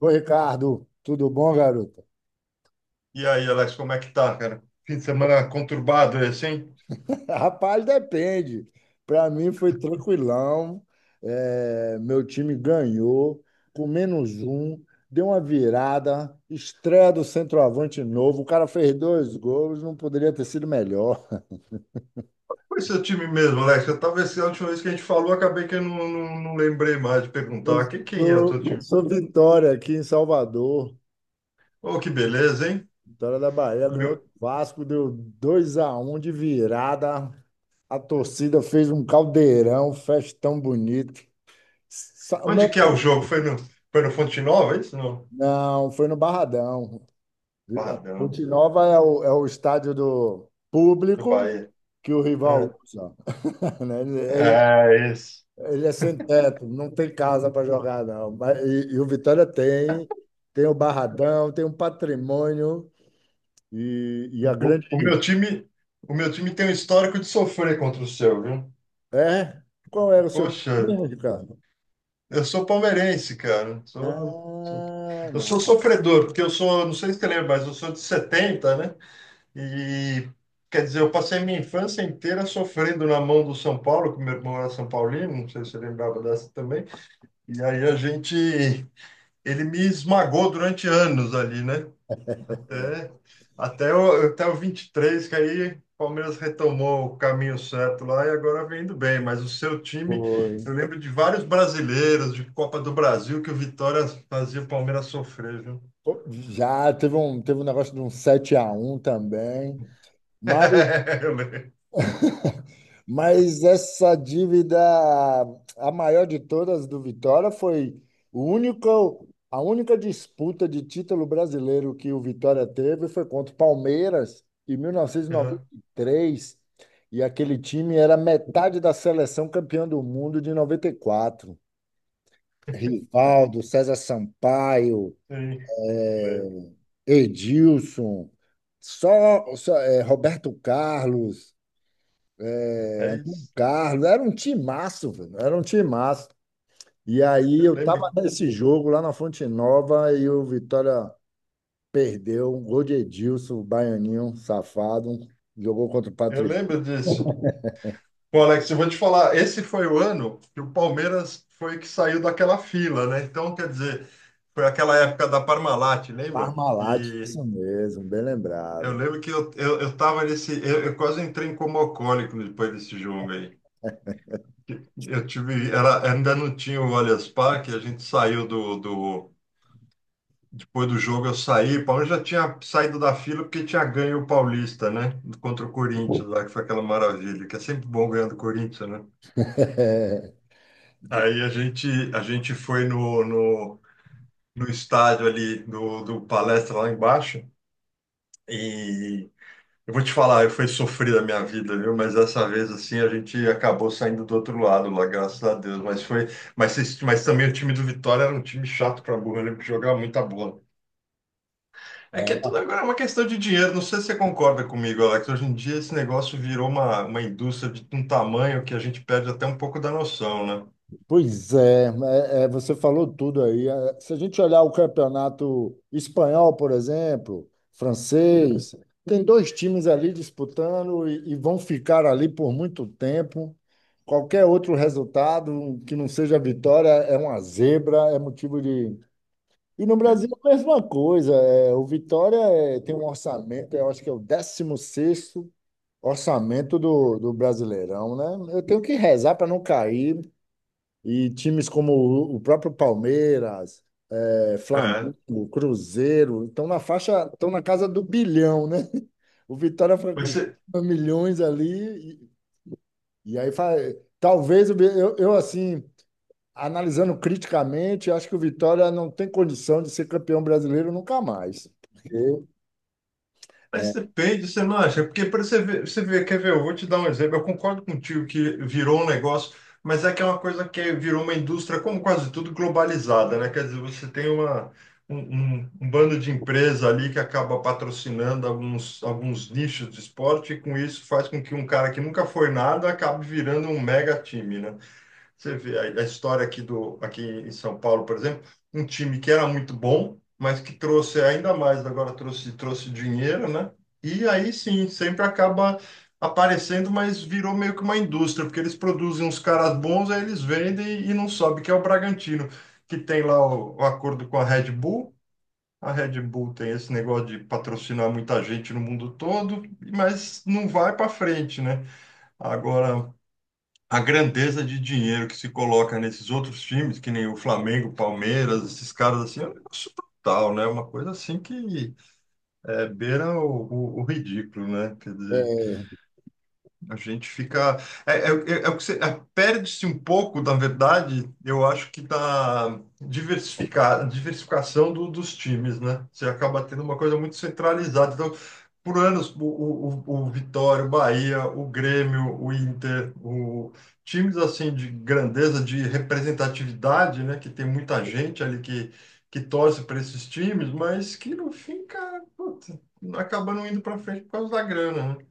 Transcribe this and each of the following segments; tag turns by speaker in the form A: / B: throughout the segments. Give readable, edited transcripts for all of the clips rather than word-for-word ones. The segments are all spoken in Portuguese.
A: Ô, Ricardo, tudo bom, garoto?
B: E aí, Alex, como é que tá, cara? Fim de semana conturbado, é assim?
A: Rapaz, depende. Para mim foi tranquilão. É, meu time ganhou com menos um, deu uma virada, estreia do centroavante novo. O cara fez dois gols, não poderia ter sido melhor.
B: Foi seu time mesmo, Alex. Eu tava esse, a última vez que a gente falou, acabei que eu não lembrei mais de
A: Eu
B: perguntar quem é o teu
A: sou,
B: time.
A: sou Vitória aqui em Salvador.
B: Oh, que beleza, hein?
A: Vitória da Bahia ganhou
B: Meu...
A: do Vasco, deu 2 a um de virada. A torcida fez um caldeirão, festão bonito. Sa- Meu
B: Onde que é o jogo? Foi no Fonte Nova, é isso? Não.
A: Não, foi no Barradão.
B: Bah,
A: Ponte Nova é o estádio do
B: do
A: público
B: Bahia.
A: que o rival usa. Né? Ele,
B: É,
A: ele-
B: é isso.
A: ele é sem teto, não tem casa para jogar, não. E o Vitória tem, tem o Barradão, tem um patrimônio e
B: O,
A: a
B: o-
A: grande.
B: o meu time, o meu time tem um histórico de sofrer contra o seu, viu?
A: É? Qual era o seu time
B: Poxa,
A: mesmo, Ricardo?
B: eu sou palmeirense, cara.
A: Ah,
B: Eu
A: não.
B: sou sofredor, porque eu sou, não sei se você lembra, mas eu sou de 70, né? E quer dizer, eu passei minha infância inteira sofrendo na mão do São Paulo, que meu irmão era São Paulino, não sei se você lembrava dessa também. E aí a gente, ele me esmagou durante anos ali, né? É, até o 23 que aí o Palmeiras retomou o caminho certo lá e agora vem indo bem. Mas o seu time,
A: Foi.
B: eu lembro de vários brasileiros de Copa do Brasil que o Vitória fazia o Palmeiras sofrer, viu?
A: Pô, já teve um negócio de um 7 a um também. Mas
B: Eu lembro.
A: Mas essa dívida, a maior de todas do Vitória, foi o único, a única disputa de título brasileiro que o Vitória teve foi contra o Palmeiras em
B: Aham,
A: 1993. E noventa e três. E aquele time era metade da seleção campeã do mundo de 94. Rivaldo, César Sampaio,
B: sim, eu lembro.
A: Edilson, só Roberto Carlos,
B: É
A: Antônio
B: isso.
A: Carlos, era um timaço, velho, era um timaço. E aí
B: Eu
A: eu tava
B: lembro.
A: nesse jogo lá na Fonte Nova e o Vitória perdeu um gol de Edilson, o baianinho safado. Um, jogou contra o
B: Eu
A: Patri
B: lembro disso. Pô, Alex, eu vou te falar, esse foi o ano que o Palmeiras foi que saiu daquela fila, né? Então, quer dizer, foi aquela época da Parmalat, lembra?
A: Parmalat,
B: Que
A: isso mesmo, bem
B: eu
A: lembrado.
B: lembro que eu, eu tava nesse. Eu quase entrei em coma alcoólico depois desse jogo aí. Eu tive. Era, ainda não tinha o Allianz Parque, a gente saiu do. Depois do jogo eu saí. O Palmeiras já tinha saído da fila porque tinha ganho o Paulista, né? Contra o Corinthians lá, que foi aquela maravilha, que é sempre bom ganhar do Corinthians, né?
A: É.
B: Aí a gente foi no estádio ali do Palestra lá embaixo. E eu vou te falar, foi sofrida a minha vida, viu? Mas dessa vez, assim, a gente acabou saindo do outro lado lá, graças a Deus. Mas foi, mas também o time do Vitória era um time chato pra burro, ele jogava muita bola. É que tudo agora é uma questão de dinheiro. Não sei se você concorda comigo, Alex. Hoje em dia esse negócio virou uma indústria de um tamanho que a gente perde até um pouco da noção, né?
A: Pois é, você falou tudo aí. É, se a gente olhar o campeonato espanhol, por exemplo, francês, tem dois times ali disputando e vão ficar ali por muito tempo. Qualquer outro resultado que não seja vitória é uma zebra, é motivo de. E no Brasil, a mesma coisa. É, o Vitória é, tem um orçamento, eu acho que é o décimo sexto orçamento do, do Brasileirão, né? Eu tenho que rezar para não cair, e times como o próprio Palmeiras, é,
B: É. É.
A: Flamengo, Cruzeiro, estão na faixa, estão na casa do bilhão, né? O Vitória foi
B: Mas você,
A: com milhões ali, e aí fa- talvez o Vi- eu, assim, analisando criticamente, acho que o Vitória não tem condição de ser campeão brasileiro nunca mais. Porque
B: mas
A: é,
B: depende, você não acha? Porque para você ver, quer ver, eu vou te dar um exemplo. Eu concordo contigo que virou um negócio, mas é que é uma coisa que virou uma indústria, como quase tudo, globalizada, né? Quer dizer, você tem um bando de empresa ali que acaba patrocinando alguns nichos de esporte, e com isso faz com que um cara que nunca foi nada acabe virando um mega time, né? Você vê a história aqui, aqui em São Paulo, por exemplo, um time que era muito bom, mas que trouxe ainda mais, agora trouxe dinheiro, né? E aí sim, sempre acaba aparecendo, mas virou meio que uma indústria, porque eles produzem uns caras bons, aí eles vendem e não sobe, que é o Bragantino, que tem lá o acordo com a Red Bull. A Red Bull tem esse negócio de patrocinar muita gente no mundo todo, mas não vai para frente, né? Agora, a grandeza de dinheiro que se coloca nesses outros times, que nem o Flamengo, Palmeiras, esses caras assim, é um negócio brutal, né? Uma coisa assim que é, beira o ridículo, né? Quer dizer,
A: é,
B: a gente fica. É o que você. É, perde-se um pouco, na verdade, eu acho que da diversificar, diversificação dos times, né? Você acaba tendo uma coisa muito centralizada. Então, por anos, o Vitória, o Bahia, o Grêmio, o Inter, o, times assim de grandeza, de representatividade, né? Que tem muita gente ali que torce para esses times, mas que no fim, cara, puta, acaba não indo para frente por causa da grana, né?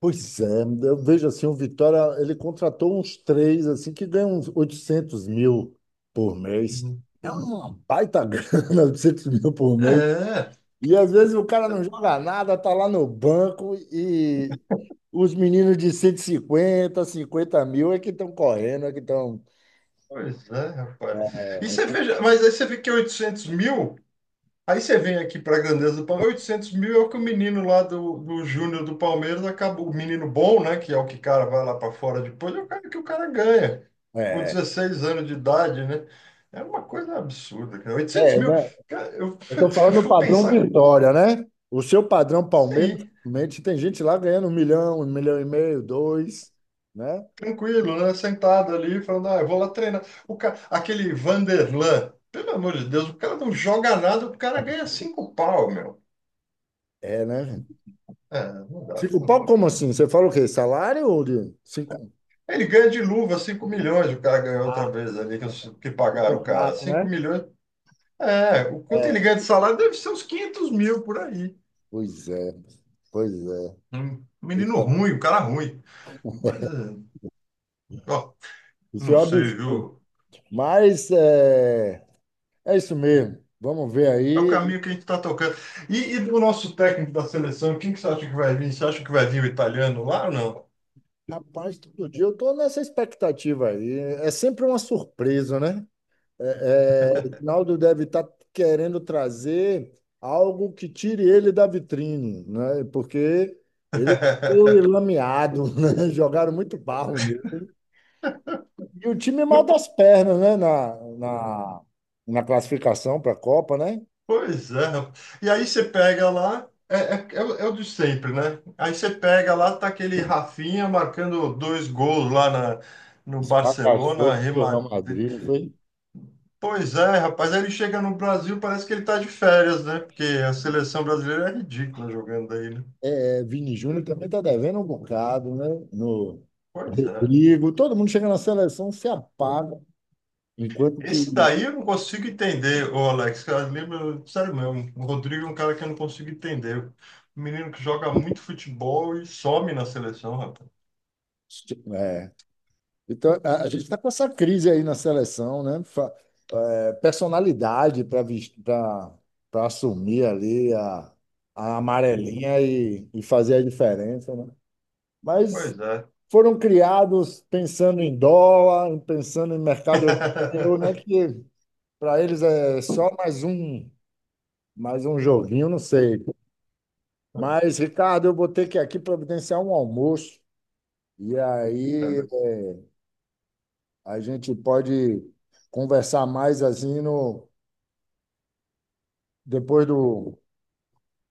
A: pois é, eu vejo assim, o Vitória, ele contratou uns três, assim, que ganham uns 800 mil por mês.
B: Uhum.
A: É uma baita grana, 800 mil por mês.
B: É,
A: E às vezes o cara não joga nada, tá lá no banco e os meninos de 150 mil é que estão correndo, é que estão...
B: pois é, rapaz. E você veja, mas aí você vê que é 800 mil, aí você vem aqui para a grandeza do Palmeiras, 800 mil é o que o menino lá do Júnior do Palmeiras acabou, o menino bom, né, que é o que o cara vai lá para fora depois, é o cara que o cara ganha,
A: É,
B: com
A: é,
B: 16 anos de idade, né? É uma coisa absurda, cara. oitocentos mil,
A: né?
B: cara, eu,
A: Eu tô
B: eu
A: falando do
B: vou
A: padrão
B: pensar,
A: Vitória, né? O seu padrão Palmeiras,
B: sim,
A: realmente, tem gente lá ganhando um milhão e meio, dois, né?
B: tranquilo, né, sentado ali, falando, ah, eu vou lá treinar. O cara, aquele Vanderlan, pelo amor de Deus, o cara não joga nada, o cara ganha cinco pau, meu.
A: É, né?
B: É, não dá,
A: Cinco
B: não
A: pau,
B: dá.
A: como assim? Você fala o quê? Salário ou de cinco?
B: Ele ganha de luva 5 milhões, o cara ganhou outra
A: Ah,
B: vez ali, que, que
A: o
B: pagaram o cara.
A: contrato,
B: cinco
A: né?
B: milhões. É, o quanto ele
A: É.
B: ganha de salário deve ser uns 500 mil por aí.
A: Pois é, pois é.
B: Um
A: Isso
B: menino ruim, um cara ruim. Mas, é, ó,
A: isso
B: não
A: é um
B: sei,
A: absurdo.
B: viu?
A: Mas é, é isso mesmo. Vamos ver
B: É o
A: aí.
B: caminho que a gente está tocando. E do nosso técnico da seleção, quem que você acha que vai vir? Você acha que vai vir o italiano lá ou não?
A: Rapaz, todo dia eu estou nessa expectativa aí. É sempre uma surpresa, né? O Ronaldo deve estar querendo trazer algo que tire ele da vitrine, né? Porque ele foi lameado, né? Jogaram muito barro nele. E o time mal das pernas, né? Na classificação para a Copa, né?
B: Pois é, rapaz. E aí você pega lá, é o de sempre, né? Aí você pega lá, tá aquele Rafinha marcando dois gols lá no Barcelona,
A: Esfacaçou com o Real
B: remad...
A: Madrid, não foi?
B: Pois é, rapaz, aí ele chega no Brasil, parece que ele tá de férias, né? Porque a seleção brasileira é ridícula jogando aí, né?
A: É, Vini Júnior também está devendo um bocado, né? No
B: Pois é.
A: Rodrigo, todo mundo chega na seleção, se apaga, enquanto
B: Esse
A: que.
B: daí eu não consigo entender, ô Alex, eu lembro, sério mesmo, o Rodrigo é um cara que eu não consigo entender. Um menino que joga muito futebol e some na seleção, rapaz.
A: É. Então, a gente está com essa crise aí na seleção, né? Personalidade para assumir ali a amarelinha e fazer a diferença, né? Mas
B: Pois é.
A: foram criados pensando em dólar, pensando em mercado europeu, né? Que para eles é só mais um joguinho, não sei. Mas, Ricardo, eu vou ter que aqui providenciar um almoço e aí a gente pode conversar mais assim no depois do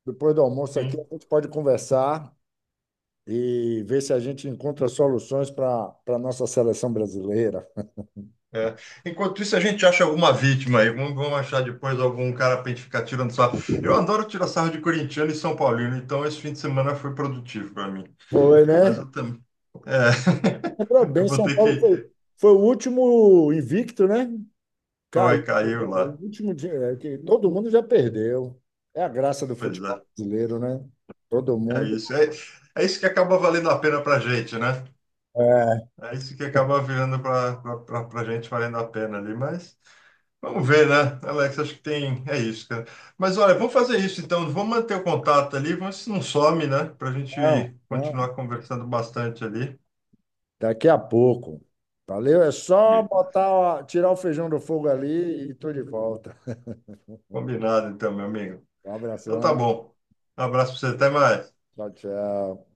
A: depois do almoço aqui a
B: Sim,
A: gente pode conversar e ver se a gente encontra soluções para nossa seleção brasileira.
B: é. Enquanto isso, a gente acha alguma vítima aí. Vamos achar depois algum cara pra gente ficar tirando sarro. Eu adoro tirar sarro de corintiano e São Paulino, então esse fim de semana foi produtivo para mim.
A: Foi,
B: Mas
A: né?
B: eu também. É.
A: Lembrou
B: Eu
A: bem,
B: vou
A: São
B: ter
A: Paulo
B: que.
A: foi o último invicto, né?
B: Foi,
A: Caiu.
B: caiu lá.
A: O último dia, é que todo mundo já perdeu. É a graça do
B: Pois é.
A: futebol brasileiro, né? Todo
B: É
A: mundo.
B: isso. É, é isso que acaba valendo a pena pra gente, né?
A: É,
B: É isso que acaba virando para a gente valendo a pena ali, mas vamos ver, né, Alex? Acho que tem, é isso, cara. Mas olha, vamos fazer isso então, vamos manter o contato ali, vamos ver se não some, né, para a
A: não,
B: gente
A: não.
B: continuar conversando bastante ali.
A: Daqui a pouco. Valeu, é só botar, tirar o feijão do fogo ali e tô de volta.
B: Combinado, então, meu amigo.
A: Um
B: Então tá
A: abração.
B: bom. Um abraço para você, até mais.
A: Tchau, tchau.